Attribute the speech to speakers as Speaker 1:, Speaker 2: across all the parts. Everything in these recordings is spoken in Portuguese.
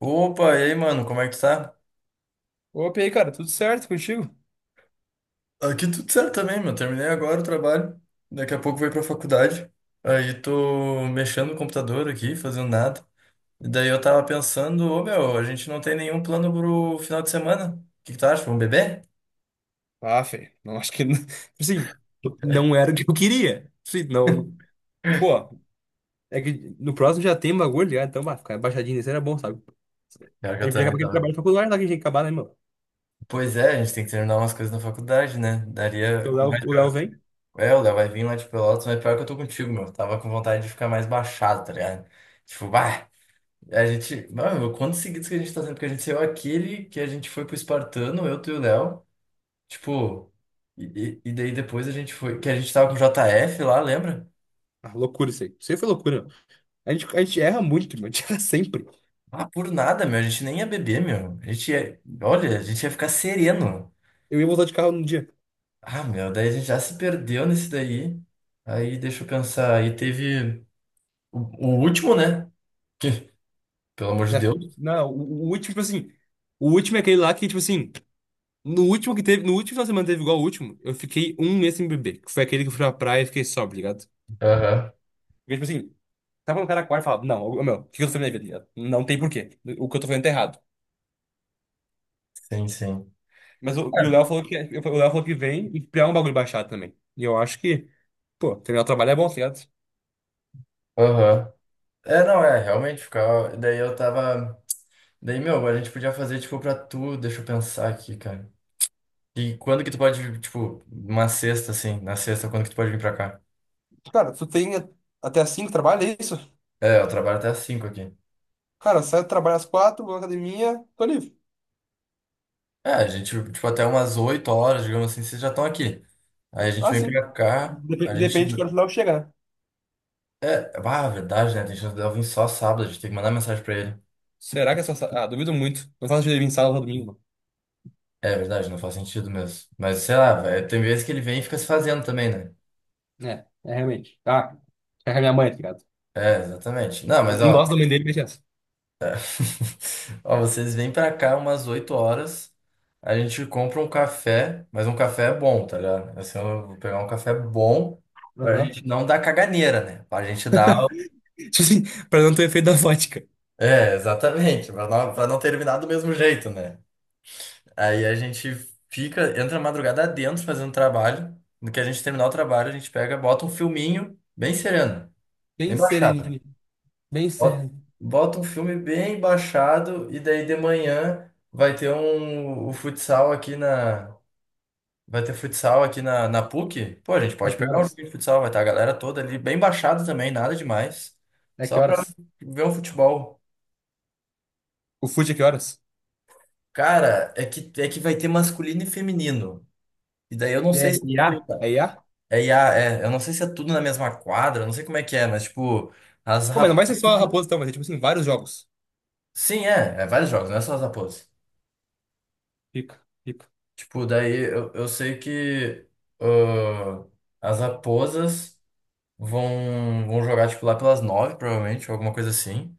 Speaker 1: Opa, e aí, mano, como é que tu tá?
Speaker 2: Opa, e aí, cara, tudo certo contigo?
Speaker 1: Aqui tudo certo também, meu. Terminei agora o trabalho. Daqui a pouco vou ir pra faculdade. Aí tô mexendo no computador aqui, fazendo nada. E daí eu tava pensando, ô meu, a gente não tem nenhum plano pro final de semana. O que que tu acha? Vamos beber?
Speaker 2: Ah, Fê, não acho que. Sim, não era o que eu queria. Sim, não. Pô, é que no próximo já tem bagulho, ligado? Então, bah, ficar baixadinho nesse era bom, sabe?
Speaker 1: Pior que
Speaker 2: A
Speaker 1: eu
Speaker 2: gente já acaba
Speaker 1: também
Speaker 2: aquele
Speaker 1: tava.
Speaker 2: trabalho faculdade lá que a gente tem que acabar, né, mano?
Speaker 1: Pois é, a gente tem que terminar umas coisas na faculdade, né?
Speaker 2: Porque o
Speaker 1: Daria.
Speaker 2: Léo vem.
Speaker 1: É, o Léo vai vir lá de Pelotas, mas pior que eu tô contigo, meu. Tava com vontade de ficar mais baixado, tá ligado? Tipo, bah. A gente. Mano, quantos seguidos que a gente tá tendo? Porque a gente saiu aquele que a gente foi pro Espartano, eu, tu e o Léo. Tipo. E daí depois a gente foi. Que a gente tava com o JF lá, lembra?
Speaker 2: Ah, loucura isso aí. Isso aí foi loucura, meu. A gente erra muito, mano. A gente erra sempre.
Speaker 1: Ah, por nada, meu. A gente nem ia beber, meu. A gente ia. Olha, a gente ia ficar sereno.
Speaker 2: Eu ia voltar de carro num dia.
Speaker 1: Ah, meu. Daí a gente já se perdeu nesse daí. Aí deixa eu pensar. Aí teve o, o último, né? Que, pelo amor de
Speaker 2: É.
Speaker 1: Deus.
Speaker 2: Não, o último, tipo assim. O último é aquele lá que, tipo assim. No último que teve. No último final de semana teve igual o último. Eu fiquei um mês sem beber. Que foi aquele que eu fui pra praia e fiquei sóbrio, ligado?
Speaker 1: Aham.
Speaker 2: Porque, tipo assim, tava no cara quarto e falava, não, ô, meu, o que eu tô fazendo na minha vida? Não tem porquê. O que eu tô fazendo tá errado.
Speaker 1: Sim, sim.
Speaker 2: Mas o, e o Léo falou que o Léo falou que vem e criar um bagulho baixado também. E eu acho que, pô, terminar o trabalho é bom, tá ligado?
Speaker 1: Aham. É, não, é. Realmente ficava. Daí eu tava. Daí, meu, a gente podia fazer, tipo, pra tu, deixa eu pensar aqui, cara. E quando que tu pode, vir, tipo, uma sexta, assim, na sexta, quando que tu pode vir pra cá?
Speaker 2: Cara, tu tem até às 5 trabalho, é isso?
Speaker 1: É, eu trabalho até às 5h aqui.
Speaker 2: Cara, sai do trabalho às quatro, vou na academia, tô livre.
Speaker 1: É, a gente, tipo, até umas 8 horas, digamos assim, vocês já estão aqui. Aí a gente
Speaker 2: Ah,
Speaker 1: vem
Speaker 2: sim.
Speaker 1: pra cá, a gente...
Speaker 2: Depende de quando o Léo chega, né?
Speaker 1: É, ah, verdade, né? A gente não deve vir só sábado, a gente tem que mandar mensagem pra ele.
Speaker 2: Será que é só. Ah, duvido muito. Não faço dia de vir sábado ou domingo, mano.
Speaker 1: É verdade, não faz sentido mesmo. Mas, sei lá, velho, tem vezes que ele vem e fica se fazendo também, né?
Speaker 2: É, é realmente. Ah, é a minha mãe, tá ligado?
Speaker 1: É, exatamente. Não, mas,
Speaker 2: Ninguém
Speaker 1: ó,
Speaker 2: gosta da mãe dele, mas é essa.
Speaker 1: Ó, vocês vêm pra cá umas 8 horas, a gente compra um café, mas um café é bom, tá ligado? Assim, eu vou pegar um café bom pra
Speaker 2: Aham.
Speaker 1: gente não dar caganeira, né? Pra gente dar.
Speaker 2: Tipo assim, pra não ter efeito da vodka.
Speaker 1: É, exatamente, pra não terminar do mesmo jeito, né? Aí a gente fica, entra a madrugada dentro fazendo trabalho. No que a gente terminar o trabalho, a gente pega, bota um filminho bem sereno, bem
Speaker 2: Bem
Speaker 1: baixado.
Speaker 2: sereninho. Bem
Speaker 1: Bota
Speaker 2: sereno.
Speaker 1: bota um filme bem baixado e daí de manhã vai ter futsal aqui na PUC. Pô, a gente
Speaker 2: É
Speaker 1: pode
Speaker 2: que
Speaker 1: pegar um jogo
Speaker 2: horas?
Speaker 1: de futsal, vai estar a galera toda ali bem baixado também, nada demais.
Speaker 2: É que
Speaker 1: Só pra
Speaker 2: horas?
Speaker 1: ver um futebol.
Speaker 2: O fute é que horas?
Speaker 1: Cara, é que vai ter masculino e feminino. E daí eu não
Speaker 2: E é
Speaker 1: sei se
Speaker 2: IA?
Speaker 1: tu-
Speaker 2: É IA?
Speaker 1: é, IA, é, eu não sei se é tudo na mesma quadra, eu não sei como é que é, mas tipo, as
Speaker 2: Pô, mas não
Speaker 1: rap...
Speaker 2: vai ser só a Raposa, então, vai ser tipo assim, vários jogos.
Speaker 1: Sim, é, vários jogos, não é só as raposas.
Speaker 2: Fica, fica.
Speaker 1: Tipo, daí eu sei que ãh, as raposas vão jogar, tipo, lá pelas 9h, provavelmente, ou alguma coisa assim.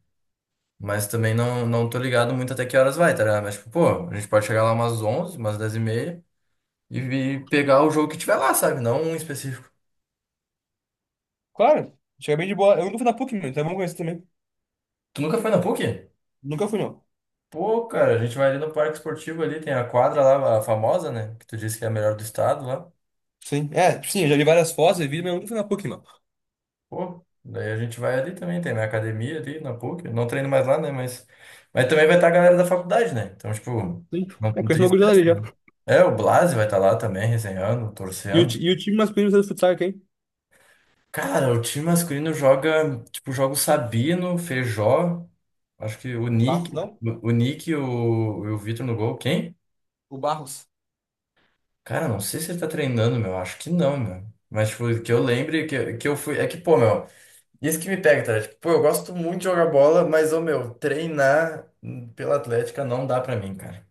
Speaker 1: Mas também não tô ligado muito até que horas vai, tá ligado? Mas, tipo, pô, a gente pode chegar lá umas 11h, umas 10h30 e pegar o jogo que tiver lá, sabe? Não um específico.
Speaker 2: Claro, chega bem de boa. Eu nunca fui na PUC, meu, então é bom conhecer também.
Speaker 1: Tu nunca foi na PUC?
Speaker 2: Nunca fui, não.
Speaker 1: Pô, cara, a gente vai ali no Parque Esportivo ali, tem a quadra lá, a famosa, né? Que tu disse que é a melhor do estado lá.
Speaker 2: Sim, é, tipo, sim, eu já vi várias fotos e vídeos, mas eu nunca fui na PUC, mano.
Speaker 1: Pô, daí a gente vai ali também, tem minha academia ali na PUC. Eu não treino mais lá, né? Mas também vai estar a galera da faculdade, né? Então, tipo,
Speaker 2: Sim,
Speaker 1: não,
Speaker 2: é,
Speaker 1: não
Speaker 2: conheço
Speaker 1: tem.
Speaker 2: uma
Speaker 1: Isso.
Speaker 2: gurizada ali já.
Speaker 1: É, o Blase vai estar lá também, resenhando,
Speaker 2: E o,
Speaker 1: torcendo.
Speaker 2: e o time masculino do futsal é quem?
Speaker 1: Cara, o time masculino joga, tipo, joga o Sabino, Feijó, acho que o
Speaker 2: Barros,
Speaker 1: Nick,
Speaker 2: não?
Speaker 1: o Nick e o Vitor no gol. Quem?
Speaker 2: O Barros.
Speaker 1: Cara, não sei se ele tá treinando, meu. Acho que não, meu. Mas, tipo, que eu lembre que eu fui. É que, pô, meu. Isso que me pega, tá? Tipo, pô, eu gosto muito de jogar bola, mas, ô meu, treinar pela Atlética não dá pra mim, cara.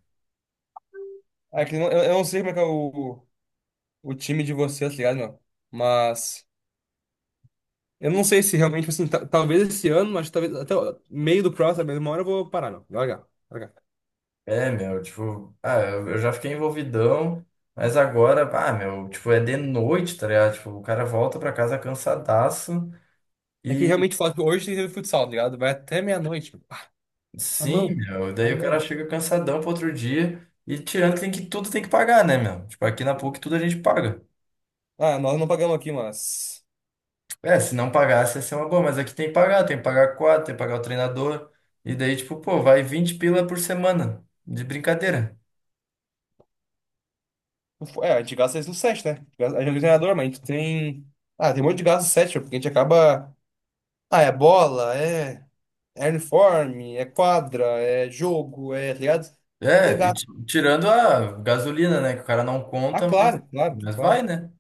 Speaker 2: Ah, é que eu não sei como é que é o time de vocês, tá ligado, meu? Mas. Eu não sei se realmente, tipo assim, talvez esse ano, mas talvez até o meio do próximo, mas uma hora eu vou parar, não. Largar, largar.
Speaker 1: É, meu, tipo, ah, eu já fiquei envolvidão, mas agora, ah, meu, tipo, é de noite, tá ligado? Tipo, o cara volta pra casa cansadaço
Speaker 2: É que
Speaker 1: e
Speaker 2: realmente fala que hoje tem futsal, tá ligado? Vai até meia-noite. Mano. Ah, a
Speaker 1: sim,
Speaker 2: mão,
Speaker 1: meu,
Speaker 2: a
Speaker 1: daí o cara
Speaker 2: mão.
Speaker 1: chega cansadão pro outro dia e tirando que tem que tudo tem que pagar, né, meu? Tipo, aqui na PUC tudo a gente paga.
Speaker 2: Ah, nós não pagamos aqui, mas.
Speaker 1: É, se não pagasse ia ser uma boa, mas aqui tem que pagar quatro, tem que pagar o treinador. E daí, tipo, pô, vai 20 pila por semana, de brincadeira.
Speaker 2: É, a gente gasta isso no set, né? A gente é treinador, mas a gente tem. Ah, tem um monte de gasto no set, porque a gente acaba. Ah, é bola, é. É uniforme, é quadra, é jogo, é, tá ligado?
Speaker 1: É, e
Speaker 2: Legal.
Speaker 1: tirando a gasolina, né? Que o cara não
Speaker 2: Ah,
Speaker 1: conta, mas,
Speaker 2: claro, claro,
Speaker 1: vai,
Speaker 2: claro.
Speaker 1: né?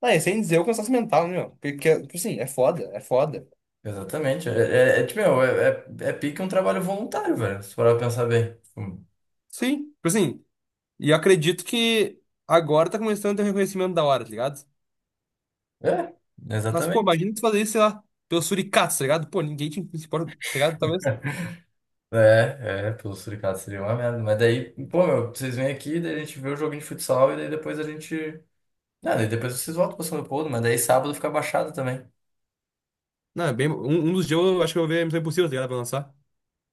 Speaker 2: Ah, e sem dizer o cansaço mental, né, meu? Porque, tipo assim, é foda, é foda.
Speaker 1: Exatamente. Tipo, meu, pique um trabalho voluntário, velho, se for pra pensar bem. Tipo,
Speaker 2: Sim, tipo assim, e eu acredito que agora tá começando a ter um reconhecimento da hora, tá ligado?
Speaker 1: É,
Speaker 2: Mas, pô,
Speaker 1: exatamente.
Speaker 2: imagina tu fazer isso, sei lá, pelos suricatos, tá ligado? Pô, ninguém te se importa, tá ligado? Talvez.
Speaker 1: É, pelo sindicato seria uma merda. Mas daí, pô, meu, vocês vêm aqui, daí a gente vê o joguinho de futsal e daí depois a gente. Ah, e depois vocês voltam pra São Leopoldo, mas daí sábado fica baixado também.
Speaker 2: Não, é bem, um dos dias eu acho que eu vou ver a Missão Impossível, tá ligado? Pra lançar.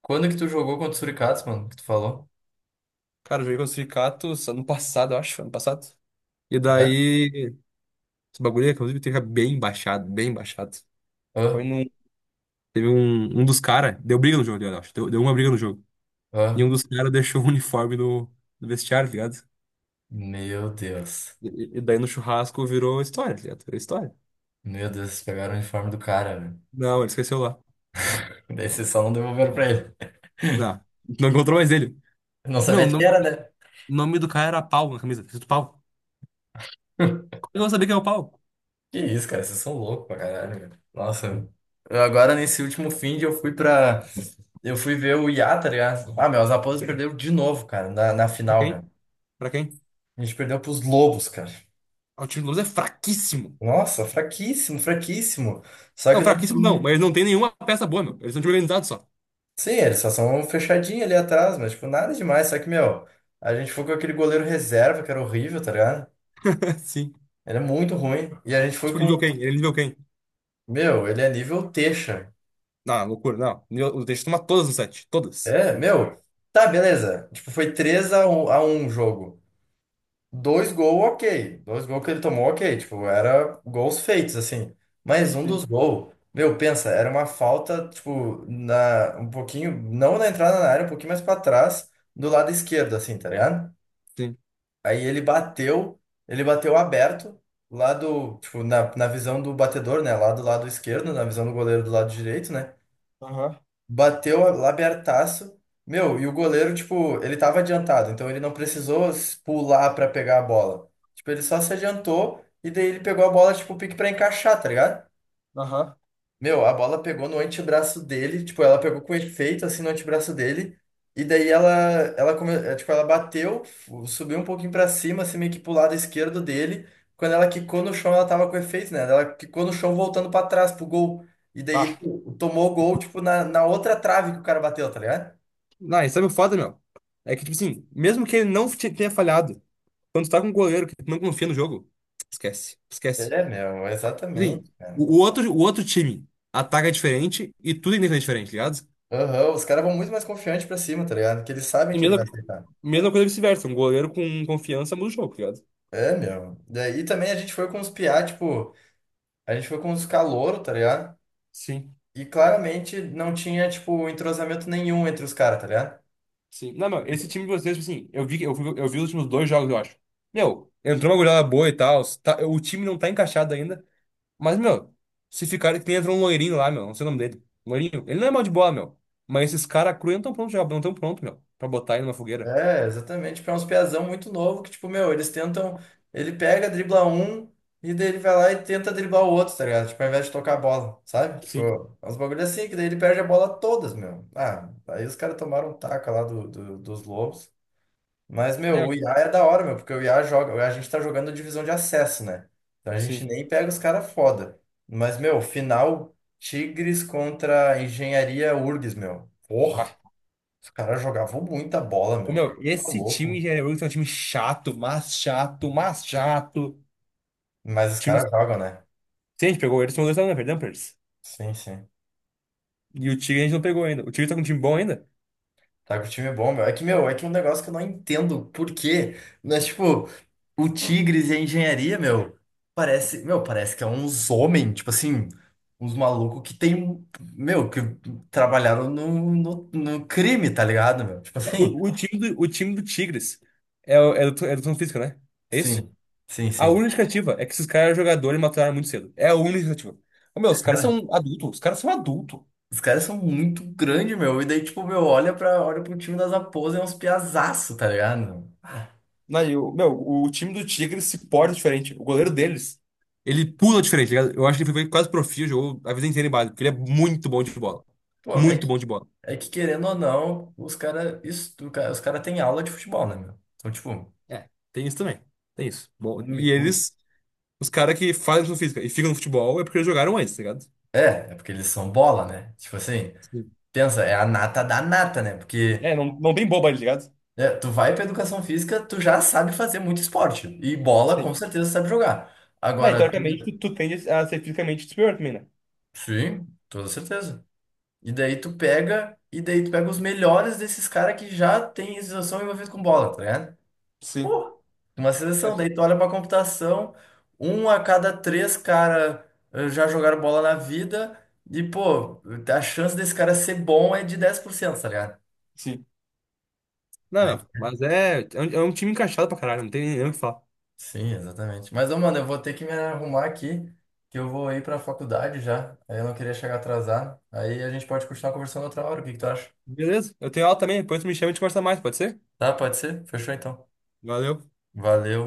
Speaker 1: Quando que tu jogou contra o Suricatos, mano? Que tu falou?
Speaker 2: Cara, eu joguei com os suricatos ano passado, eu acho, ano passado. E
Speaker 1: É?
Speaker 2: daí, esse bagulho, inclusive, teve bem baixado, bem baixado. Foi
Speaker 1: Ah,
Speaker 2: num. Teve um, um dos caras, deu briga no jogo, tá ligado? Eu acho, deu, deu uma briga no jogo. E
Speaker 1: ah.
Speaker 2: um dos caras deixou o uniforme no, no vestiário, tá ligado?
Speaker 1: Meu Deus.
Speaker 2: E daí no churrasco virou história, tá ligado? Virou história.
Speaker 1: Meu Deus, vocês pegaram o uniforme do cara, velho.
Speaker 2: Não, ele esqueceu lá.
Speaker 1: Daí vocês só não devolveram pra ele.
Speaker 2: Não, não encontrou mais ele.
Speaker 1: Não
Speaker 2: Meu,
Speaker 1: sabia de que era, né?
Speaker 2: o nome do cara era Pau na camisa. Escrito Pau. Como eu vou saber quem é o Pau?
Speaker 1: Que isso, cara, vocês são loucos pra caralho, velho. Nossa, eu agora nesse último fim de eu fui pra. Eu fui ver o Iá, tá ligado? Ah, meu, os Raposas perderam de novo, cara, na
Speaker 2: Pra
Speaker 1: final, meu.
Speaker 2: quem? Pra quem?
Speaker 1: A gente perdeu pros Lobos, cara.
Speaker 2: Ah, o time do Luz é fraquíssimo.
Speaker 1: Nossa, fraquíssimo, fraquíssimo. Só que
Speaker 2: Não,
Speaker 1: o nosso
Speaker 2: fraquíssimo não,
Speaker 1: time.
Speaker 2: mas eles não tem nenhuma peça boa, meu. Eles são organizados só.
Speaker 1: Sim, eles só são fechadinhos ali atrás, mas, tipo, nada demais. Só que, meu, a gente foi com aquele goleiro reserva, que era horrível, tá ligado?
Speaker 2: Sim.
Speaker 1: Ele é muito ruim. E a gente foi
Speaker 2: Tipo,
Speaker 1: com.
Speaker 2: nível quem? Ele é nível quem?
Speaker 1: Meu, ele é nível Teixa.
Speaker 2: Não, loucura, não. Nível, o Teixeira toma todas no set. Todas.
Speaker 1: É, meu. Tá, beleza. Tipo, foi 3-1 a 1 jogo. Dois gols, ok. Dois gols que ele tomou, ok. Tipo, era gols feitos, assim. Mas um dos
Speaker 2: Sim.
Speaker 1: gols, meu, pensa, era uma falta, tipo, na, um pouquinho, não na entrada na área, um pouquinho mais pra trás, do lado esquerdo, assim, tá ligado?
Speaker 2: Sim.
Speaker 1: Aí ele bateu aberto, lá do, tipo, na visão do batedor, né? Lá do lado esquerdo, na visão do goleiro do lado direito, né?
Speaker 2: Aham,
Speaker 1: Bateu lá abertaço. Meu, e o goleiro, tipo, ele tava adiantado, então ele não precisou pular pra pegar a bola. Tipo, ele só se adiantou e daí ele pegou a bola, tipo, pique pra encaixar, tá ligado?
Speaker 2: aham.
Speaker 1: Meu, a bola pegou no antebraço dele, tipo, ela pegou com efeito, assim, no antebraço dele, e daí tipo, ela bateu, subiu um pouquinho pra cima, assim, meio que pro lado esquerdo dele, quando ela quicou no chão, ela tava com efeito, né, ela quicou no chão voltando pra trás, pro gol, e daí
Speaker 2: Ah,
Speaker 1: tomou o gol, tipo, na outra trave que o cara bateu, tá ligado?
Speaker 2: não, e sabe o foda, meu? É que, tipo assim, mesmo que ele não tenha falhado, quando tu tá com um goleiro que tu não confia no jogo, esquece. Esquece.
Speaker 1: É, meu,
Speaker 2: Sim.
Speaker 1: exatamente, cara.
Speaker 2: O outro time ataca diferente e tudo ainda é diferente, ligado?
Speaker 1: Aham, os caras vão muito mais confiantes pra cima, tá ligado? Porque eles sabem
Speaker 2: E
Speaker 1: que ele
Speaker 2: mesma,
Speaker 1: vai aceitar.
Speaker 2: mesma coisa vice-versa. Um goleiro com confiança muda o jogo, tá ligado?
Speaker 1: É, meu. Daí também a gente foi com os piá, tipo, a gente foi com os caloros, tá ligado?
Speaker 2: Sim,
Speaker 1: E claramente não tinha, tipo, entrosamento nenhum entre os caras, tá ligado?
Speaker 2: sim. Não, meu, esse time de vocês, tipo assim, eu vi, eu, eu vi os últimos dois jogos, eu acho. Meu, entrou uma goleada boa e tal. O time não tá encaixado ainda. Mas, meu, se ficar que nem entrou um loirinho lá, meu, não sei o nome dele. Loirinho, ele não é mal de bola, meu. Mas esses caras cru não tão prontos já, não tão pronto, meu, pra botar ele numa fogueira.
Speaker 1: É, exatamente. Tipo, é uns piazão muito novo que, tipo, meu, eles tentam. Ele pega, dribla um, e daí ele vai lá e tenta driblar o outro, tá ligado? Tipo, ao invés de tocar a bola, sabe? Tipo,
Speaker 2: Sim.
Speaker 1: é uns bagulho assim, que daí ele perde a bola todas, meu. Ah, aí os caras tomaram um taco lá dos lobos. Mas, meu,
Speaker 2: É,
Speaker 1: o IA é da hora, meu, porque o IA joga. A gente tá jogando divisão de acesso, né? Então a gente
Speaker 2: sim.
Speaker 1: nem pega os caras foda. Mas, meu, final Tigres contra Engenharia URGS, meu. Porra,
Speaker 2: Ah,
Speaker 1: os caras jogavam muita bola,
Speaker 2: ô,
Speaker 1: meu.
Speaker 2: meu,
Speaker 1: Tá
Speaker 2: esse time
Speaker 1: louco.
Speaker 2: de Henry Ruggs é um time chato, mas chato, mas chato.
Speaker 1: Mas os
Speaker 2: Time...
Speaker 1: caras jogam, né?
Speaker 2: Se a gente pegou eles, são dois anos, perdão, Pers.
Speaker 1: Sim, sim.
Speaker 2: E o Tigre a gente não pegou ainda. O Tigre tá com um time bom ainda?
Speaker 1: Tá que o time é bom, meu. É que, meu, é que é um negócio que eu não entendo por quê. Mas, tipo, o Tigres e a engenharia, meu, parece que é uns homens, tipo assim, uns malucos que tem, meu, que trabalharam no crime, tá ligado, meu? Tipo assim,
Speaker 2: O time do Tigres é, é do educação física, né? É isso?
Speaker 1: sim, sim,
Speaker 2: A
Speaker 1: sim.
Speaker 2: única justificativa é que esses caras eram jogadores e mataram muito cedo. É a única justificativa. Ô, meu, os caras
Speaker 1: Cara,
Speaker 2: são adultos, os caras são adultos.
Speaker 1: os caras são muito grandes, meu. E daí, tipo, meu, olha pro time das Raposas, é uns piazaço, tá ligado? Meu? Ah,
Speaker 2: Não, e o, meu, o time do Tigre se porta diferente. O goleiro deles. Ele pula diferente, tá ligado? Eu acho que ele foi quase profissional, jogou a vida inteira em base, porque ele é muito bom de bola.
Speaker 1: Pô, é
Speaker 2: Muito
Speaker 1: que
Speaker 2: bom de bola.
Speaker 1: É que querendo ou não, os cara têm aula de futebol, né, meu? Então, tipo,
Speaker 2: É, tem isso também. Tem isso. Bom,
Speaker 1: o mi-
Speaker 2: e
Speaker 1: o-
Speaker 2: eles, os caras que fazem educação física e ficam no futebol é porque eles jogaram antes, tá ligado?
Speaker 1: é, porque eles são bola, né? Tipo assim,
Speaker 2: Sim.
Speaker 1: pensa, é a nata da nata, né? Porque
Speaker 2: É, não, não tem boba ali, ligado?
Speaker 1: né, tu vai pra educação física, tu já sabe fazer muito esporte. E bola, com
Speaker 2: Sim.
Speaker 1: certeza, sabe jogar.
Speaker 2: Não, e
Speaker 1: Agora, tu...
Speaker 2: teoricamente tu, tu tende a ser fisicamente superior também, né?
Speaker 1: sim, toda certeza. E daí tu pega os melhores desses caras que já têm exação envolvida com bola, tá ligado?
Speaker 2: Sim.
Speaker 1: Uma
Speaker 2: É
Speaker 1: seleção,
Speaker 2: só-
Speaker 1: daí tu olha pra computação, um a cada três cara já jogaram bola na vida, e pô, a chance desse cara ser bom é de 10%, tá ligado?
Speaker 2: Sim. Não,
Speaker 1: Aí,
Speaker 2: não. Mas é, é um time encaixado pra caralho, não tem nem o que falar.
Speaker 1: sim, exatamente. Mas, ô, mano, eu vou ter que me arrumar aqui, que eu vou ir pra faculdade já, aí eu não queria chegar atrasado. Aí a gente pode continuar conversando outra hora, o que que tu acha?
Speaker 2: Beleza? Eu tenho aula também, depois tu me chama e a gente conversa mais, pode ser?
Speaker 1: Tá, pode ser? Fechou então.
Speaker 2: Valeu.
Speaker 1: Valeu.